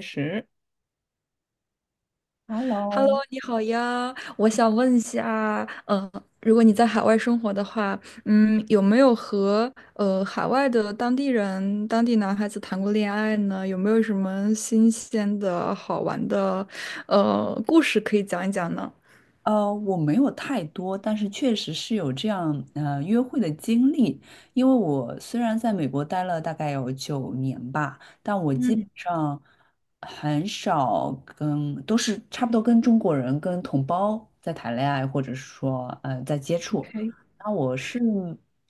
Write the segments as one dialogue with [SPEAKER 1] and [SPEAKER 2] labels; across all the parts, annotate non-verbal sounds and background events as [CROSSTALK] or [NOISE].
[SPEAKER 1] 确实，
[SPEAKER 2] Hello，
[SPEAKER 1] Hello，
[SPEAKER 2] 你好呀，我想问一下，如果你在海外生活的话，有没有和海外的当地人、当地男孩子谈过恋爱呢？有没有什么新鲜的好玩的故事可以讲一讲呢？
[SPEAKER 1] 我没有太多，但是确实是有这样约会的经历。因为我虽然在美国待了大概有9年吧，但我基本
[SPEAKER 2] 嗯
[SPEAKER 1] 上很少跟，都是差不多跟中国人、跟同胞在谈恋爱，或者是说在接触。
[SPEAKER 2] ，OK，
[SPEAKER 1] 那我是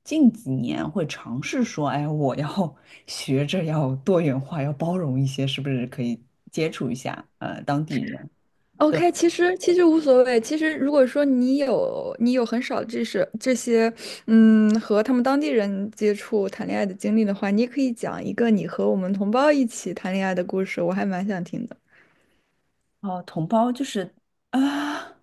[SPEAKER 1] 近几年会尝试说，哎，我要 [LAUGHS] 学着要多元化，要包容一些，是不是可以接触一下当地人？
[SPEAKER 2] OK，其实无所谓。其实如果说你有你有很少这是这些，嗯，和他们当地人接触谈恋爱的经历的话，你也可以讲一个你和我们同胞一起谈恋爱的故事，我还蛮想听的。
[SPEAKER 1] 哦，同胞就是啊，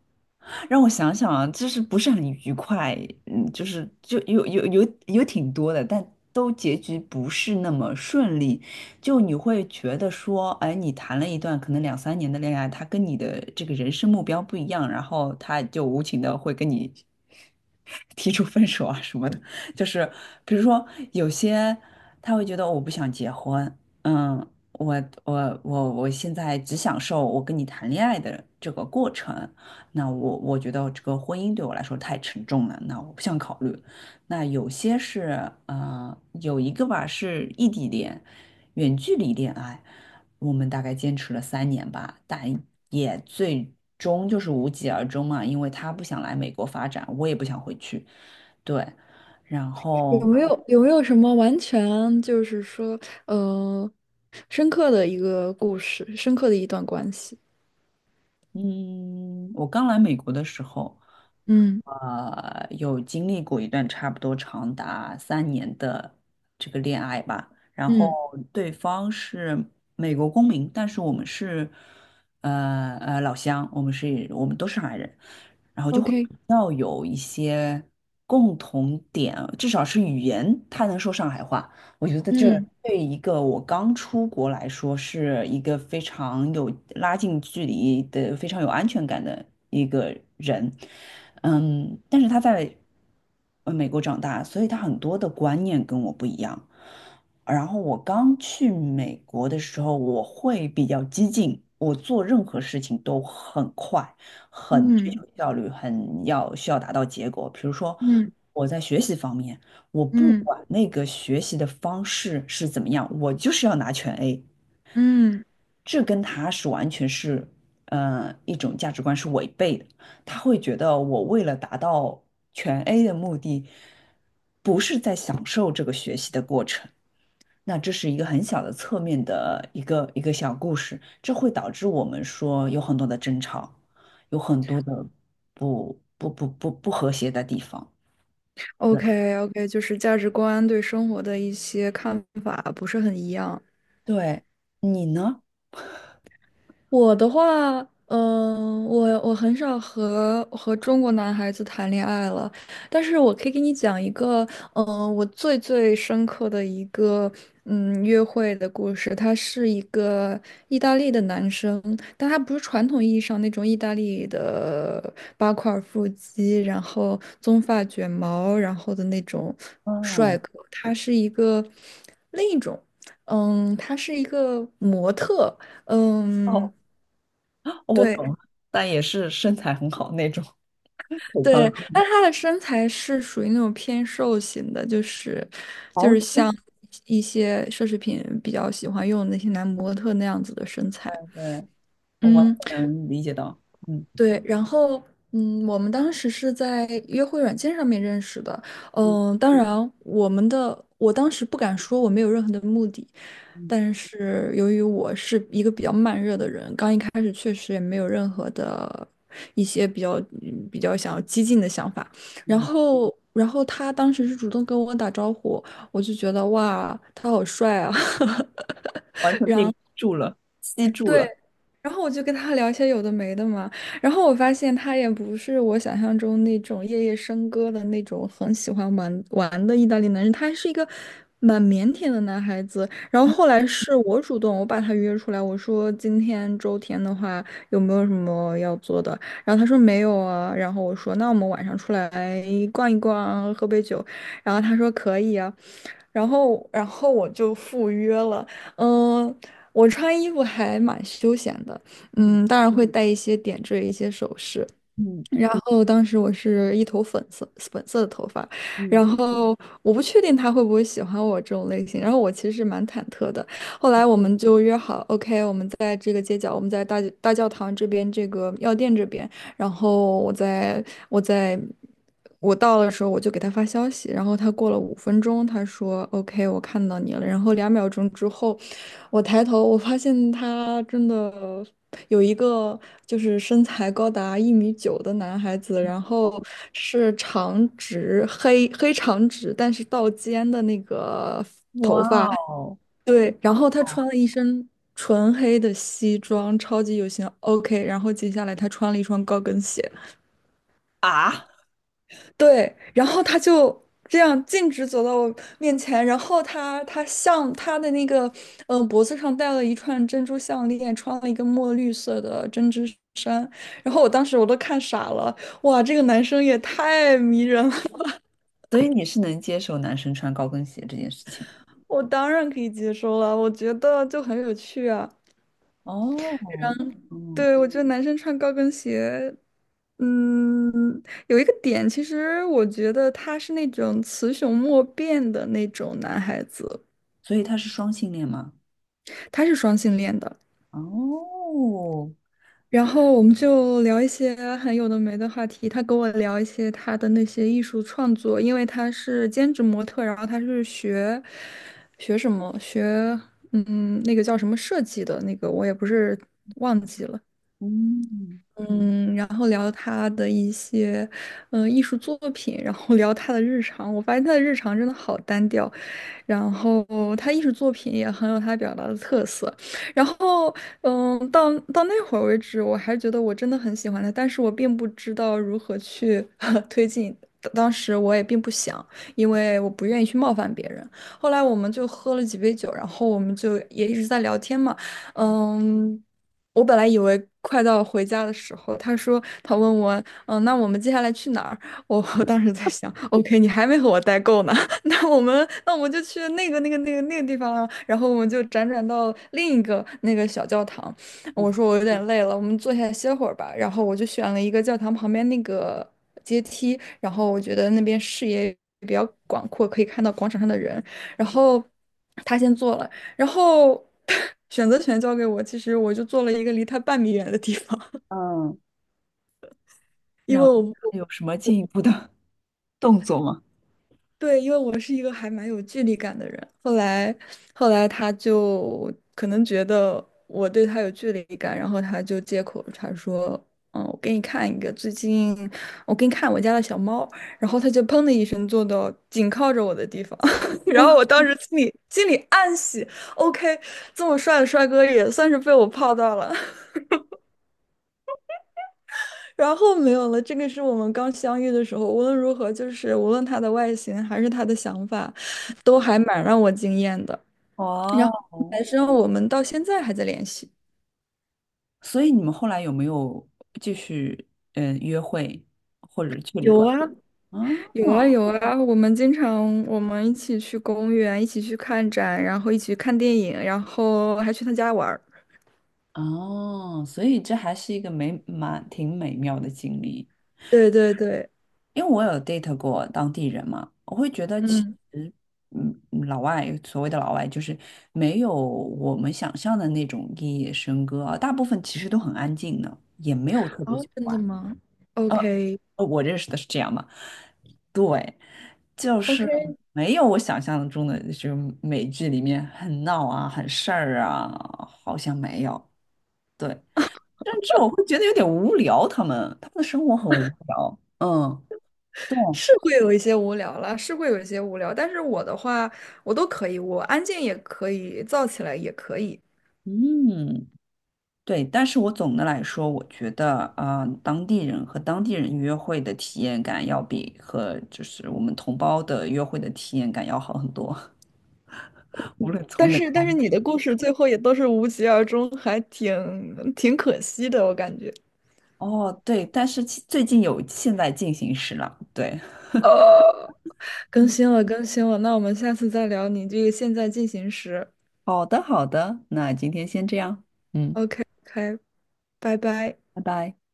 [SPEAKER 1] 让我想想啊，就是不是很愉快，就是就有挺多的，但都结局不是那么顺利，就你会觉得说，哎，你谈了一段可能两三年的恋爱，他跟你的这个人生目标不一样，然后他就无情的会跟你 [LAUGHS] 提出分手啊什么的，就是比如说有些他会觉得我不想结婚。嗯，我我现在只享受我跟你谈恋爱的这个过程，那我觉得这个婚姻对我来说太沉重了，那我不想考虑。那有些是有一个吧是异地恋，远距离恋爱，我们大概坚持了三年吧，但也最终就是无疾而终嘛，因为他不想来美国发展，我也不想回去，对，然后
[SPEAKER 2] 有没有什么完全就是说，呃，深刻的一个故事，深刻的一段关系？
[SPEAKER 1] 嗯，我刚来美国的时候。
[SPEAKER 2] 嗯
[SPEAKER 1] 有经历过一段差不多长达三年的这个恋爱吧，然后
[SPEAKER 2] 嗯
[SPEAKER 1] 对方是美国公民，但是我们是老乡，我们都是上海人，
[SPEAKER 2] ，OK。
[SPEAKER 1] 要有一些共同点，至少是语言，他能说上海话。我觉得这
[SPEAKER 2] 嗯
[SPEAKER 1] 对一个我刚出国来说，是一个非常有拉近距离的、非常有安全感的一个人。嗯，但是他在美国长大，所以他很多的观念跟我不一样。然后我刚去美国的时候，我会比较激进，我做任何事情都很快。很追求
[SPEAKER 2] 嗯
[SPEAKER 1] 效率，很需要达到结果。比如说，
[SPEAKER 2] 嗯
[SPEAKER 1] 我在学习方面，我不
[SPEAKER 2] 嗯
[SPEAKER 1] 管那个学习的方式是怎么样，我就是要拿全 A，
[SPEAKER 2] 嗯。
[SPEAKER 1] 这跟他是完全是，一种价值观是违背的。他会觉得我为了达到全 A 的目的，不是在享受这个学习的过程。那这是一个很小的侧面的一个小故事，这会导致我们说有很多的争吵，有很多的不和谐的地方。对，
[SPEAKER 2] OK， OK，就是价值观对生活的一些看法不是很一样。
[SPEAKER 1] 对，你呢？
[SPEAKER 2] 我的话，嗯、我很少和中国男孩子谈恋爱了，但是我可以给你讲一个，嗯、我最深刻的一个，嗯，约会的故事。他是一个意大利的男生，但他不是传统意义上那种意大利的八块腹肌，然后棕发卷毛，然后的那种帅
[SPEAKER 1] 哦
[SPEAKER 2] 哥。他是一个另一种，嗯，他是一个模特。嗯，
[SPEAKER 1] 哦，我
[SPEAKER 2] 对
[SPEAKER 1] 懂了，但也是身材很好那种，腿长
[SPEAKER 2] 对，
[SPEAKER 1] 好
[SPEAKER 2] 但她的身材是属于那种偏瘦型的，
[SPEAKER 1] [LAUGHS] 好
[SPEAKER 2] 就是像
[SPEAKER 1] 巾。
[SPEAKER 2] 一些奢侈品比较喜欢用的那些男模特那样子的身材。
[SPEAKER 1] 对，我完
[SPEAKER 2] 嗯，
[SPEAKER 1] 全能理解到，嗯
[SPEAKER 2] 对，然后嗯，我们当时是在约会软件上面认识的，
[SPEAKER 1] 嗯
[SPEAKER 2] 嗯，当然我们的我当时不敢说我没有任何的目的，
[SPEAKER 1] 嗯
[SPEAKER 2] 但是由于我是一个比较慢热的人，刚一开始确实也没有任何的一些比较比较想要激进的想法，
[SPEAKER 1] 嗯
[SPEAKER 2] 然后他当时是主动跟我打招呼，我就觉得哇，他好帅啊。[LAUGHS]
[SPEAKER 1] 完全被迷住了，吸住
[SPEAKER 2] 对，
[SPEAKER 1] 了。
[SPEAKER 2] 然后我就跟他聊一些有的没的嘛，然后我发现他也不是我想象中那种夜夜笙歌的那种很喜欢玩玩的意大利男人，他是一个蛮腼腆的男孩子。然后后来是我主动，我把他约出来，我说今天周天的话有没有什么要做的？然后他说没有啊，然后我说那我们晚上出来逛一逛，喝杯酒，然后他说可以啊，然后我就赴约了。嗯，我穿衣服还蛮休闲的，嗯，当然会带一些点缀、一些首饰。
[SPEAKER 1] 嗯
[SPEAKER 2] 然后当时我是一头粉色的头发，
[SPEAKER 1] 嗯，
[SPEAKER 2] 然后我不确定他会不会喜欢我这种类型，然后我其实蛮忐忑的。后来我们就约好，OK，我们在这个街角，我们在大教堂这边这个药店这边。然后我在我到的时候，我就给他发消息，然后他过了五分钟，他说 "OK，我看到你了。"然后两秒钟之后，我抬头，我发现他真的有一个就是身材高达一米九的男孩子，然后是长直，但是到肩的那个
[SPEAKER 1] 哇哦
[SPEAKER 2] 对，然后他穿了一身纯黑的西装，超级有型。OK，然后接下来他穿了一双高跟鞋。
[SPEAKER 1] 啊！
[SPEAKER 2] 对，然后他就这样径直走到我面前，然后他的那个脖子上戴了一串珍珠项链，穿了一个墨绿色的针织衫，然后我当时我都看傻了，哇，这个男生也太迷人了，
[SPEAKER 1] 所以你是能接受男生穿高跟鞋这件事情？
[SPEAKER 2] [LAUGHS] 我当然可以接受了，我觉得就很有趣啊。
[SPEAKER 1] 哦，嗯，
[SPEAKER 2] 对，我觉得男生穿高跟鞋，嗯，有一个点，其实我觉得他是那种雌雄莫辨的那种男孩子。
[SPEAKER 1] 所以他是双性恋吗？
[SPEAKER 2] 他是双性恋的。
[SPEAKER 1] 哦，
[SPEAKER 2] 然后我们就聊一些很有的没的话题。他跟我聊一些他的那些艺术创作，因为他是兼职模特，然后他是学学什么学那个叫什么设计的那个，我也不是忘记了。
[SPEAKER 1] 嗯
[SPEAKER 2] 嗯，然后聊他的一些艺术作品，然后聊他的日常。我发现他的日常真的好单调。然后他艺术作品也很有他表达的特色。然后，嗯，到那会儿为止，我还觉得我真的很喜欢他，但是我并不知道如何去 [LAUGHS] 推进。当时我也并不想，因为我不愿意去冒犯别人。后来我们就喝了几杯酒，然后我们就也一直在聊天嘛。嗯，我本来以为快到回家的时候，他问我，嗯，那我们接下来去哪儿？我 [LAUGHS] 我当时在想，OK，你还没和我待够呢。那我们就去那个地方了，然后我们就辗转到另一个那个小教堂。我说我有点累了，我们坐下来歇会儿吧。然后我就选了一个教堂旁边那个阶梯，然后我觉得那边视野比较广阔，可以看到广场上的人。然后他先坐了，然后 [LAUGHS] 选择权交给我，其实我就坐了一个离他半米远的地方，
[SPEAKER 1] 嗯，
[SPEAKER 2] 因为
[SPEAKER 1] 然后
[SPEAKER 2] 我。
[SPEAKER 1] 还有什么进一步的 [LAUGHS] 动作吗？
[SPEAKER 2] 对，因为我是一个还蛮有距离感的人，后来他就可能觉得我对他有距离感，然后他就借口他说，嗯，我给你看我家的小猫，然后他就砰的一声坐到紧靠着我的地方，[LAUGHS] 然后我当时心里暗喜，OK，这么帅的帅哥也算是被我泡到了。然后没有了，这个是我们刚相遇的时候，无论如何，就是无论他的外形还是他的想法，都还蛮让我惊艳的。然后
[SPEAKER 1] 哦，
[SPEAKER 2] 男生我们到现在还在联系。
[SPEAKER 1] 所以你们后来有没有继续约会或者去旅
[SPEAKER 2] 有
[SPEAKER 1] 馆？
[SPEAKER 2] 啊，
[SPEAKER 1] 哦
[SPEAKER 2] 有啊，有啊！我们一起去公园，一起去看展，然后一起去看电影，然后还去他家玩儿。
[SPEAKER 1] 哦，所以这还是一个蛮挺美妙的经历。
[SPEAKER 2] 对对对，
[SPEAKER 1] 因为我有 date 过当地人嘛，我会觉得其
[SPEAKER 2] 嗯，
[SPEAKER 1] 实，老外所谓的老外就是没有我们想象的那种夜夜笙歌啊，大部分其实都很安静的，也没有特别
[SPEAKER 2] 好，
[SPEAKER 1] 喜
[SPEAKER 2] 真的
[SPEAKER 1] 欢。
[SPEAKER 2] 吗
[SPEAKER 1] 呃，
[SPEAKER 2] ？OK，OK，
[SPEAKER 1] 我认识的是这样嘛，对，就是没有我想象中的，就是美剧里面很闹啊、很事儿啊，好像没有。对，甚至我会觉得有点无聊，他们的生活很无聊。嗯，对，
[SPEAKER 2] 是会有一些无聊啦，是会有一些无聊，但是我的话，我都可以，我安静也可以，燥起来也可以。
[SPEAKER 1] 嗯。对，但是我总的来说，我觉得啊当地人和当地人约会的体验感要比和就是我们同胞的约会的体验感要好很多，[LAUGHS] 无论从哪
[SPEAKER 2] 但
[SPEAKER 1] 方
[SPEAKER 2] 是
[SPEAKER 1] 面。
[SPEAKER 2] 你的故事最后也都是无疾而终，还挺可惜的，我感觉。
[SPEAKER 1] 哦，对，但是最近有现在进行时了，对，
[SPEAKER 2] 呃，更新了，更新了，那我们下次再聊你这个现在进行时。
[SPEAKER 1] 好的，好的，那今天先这样，嗯。
[SPEAKER 2] OK，OK，拜拜。
[SPEAKER 1] 拜拜。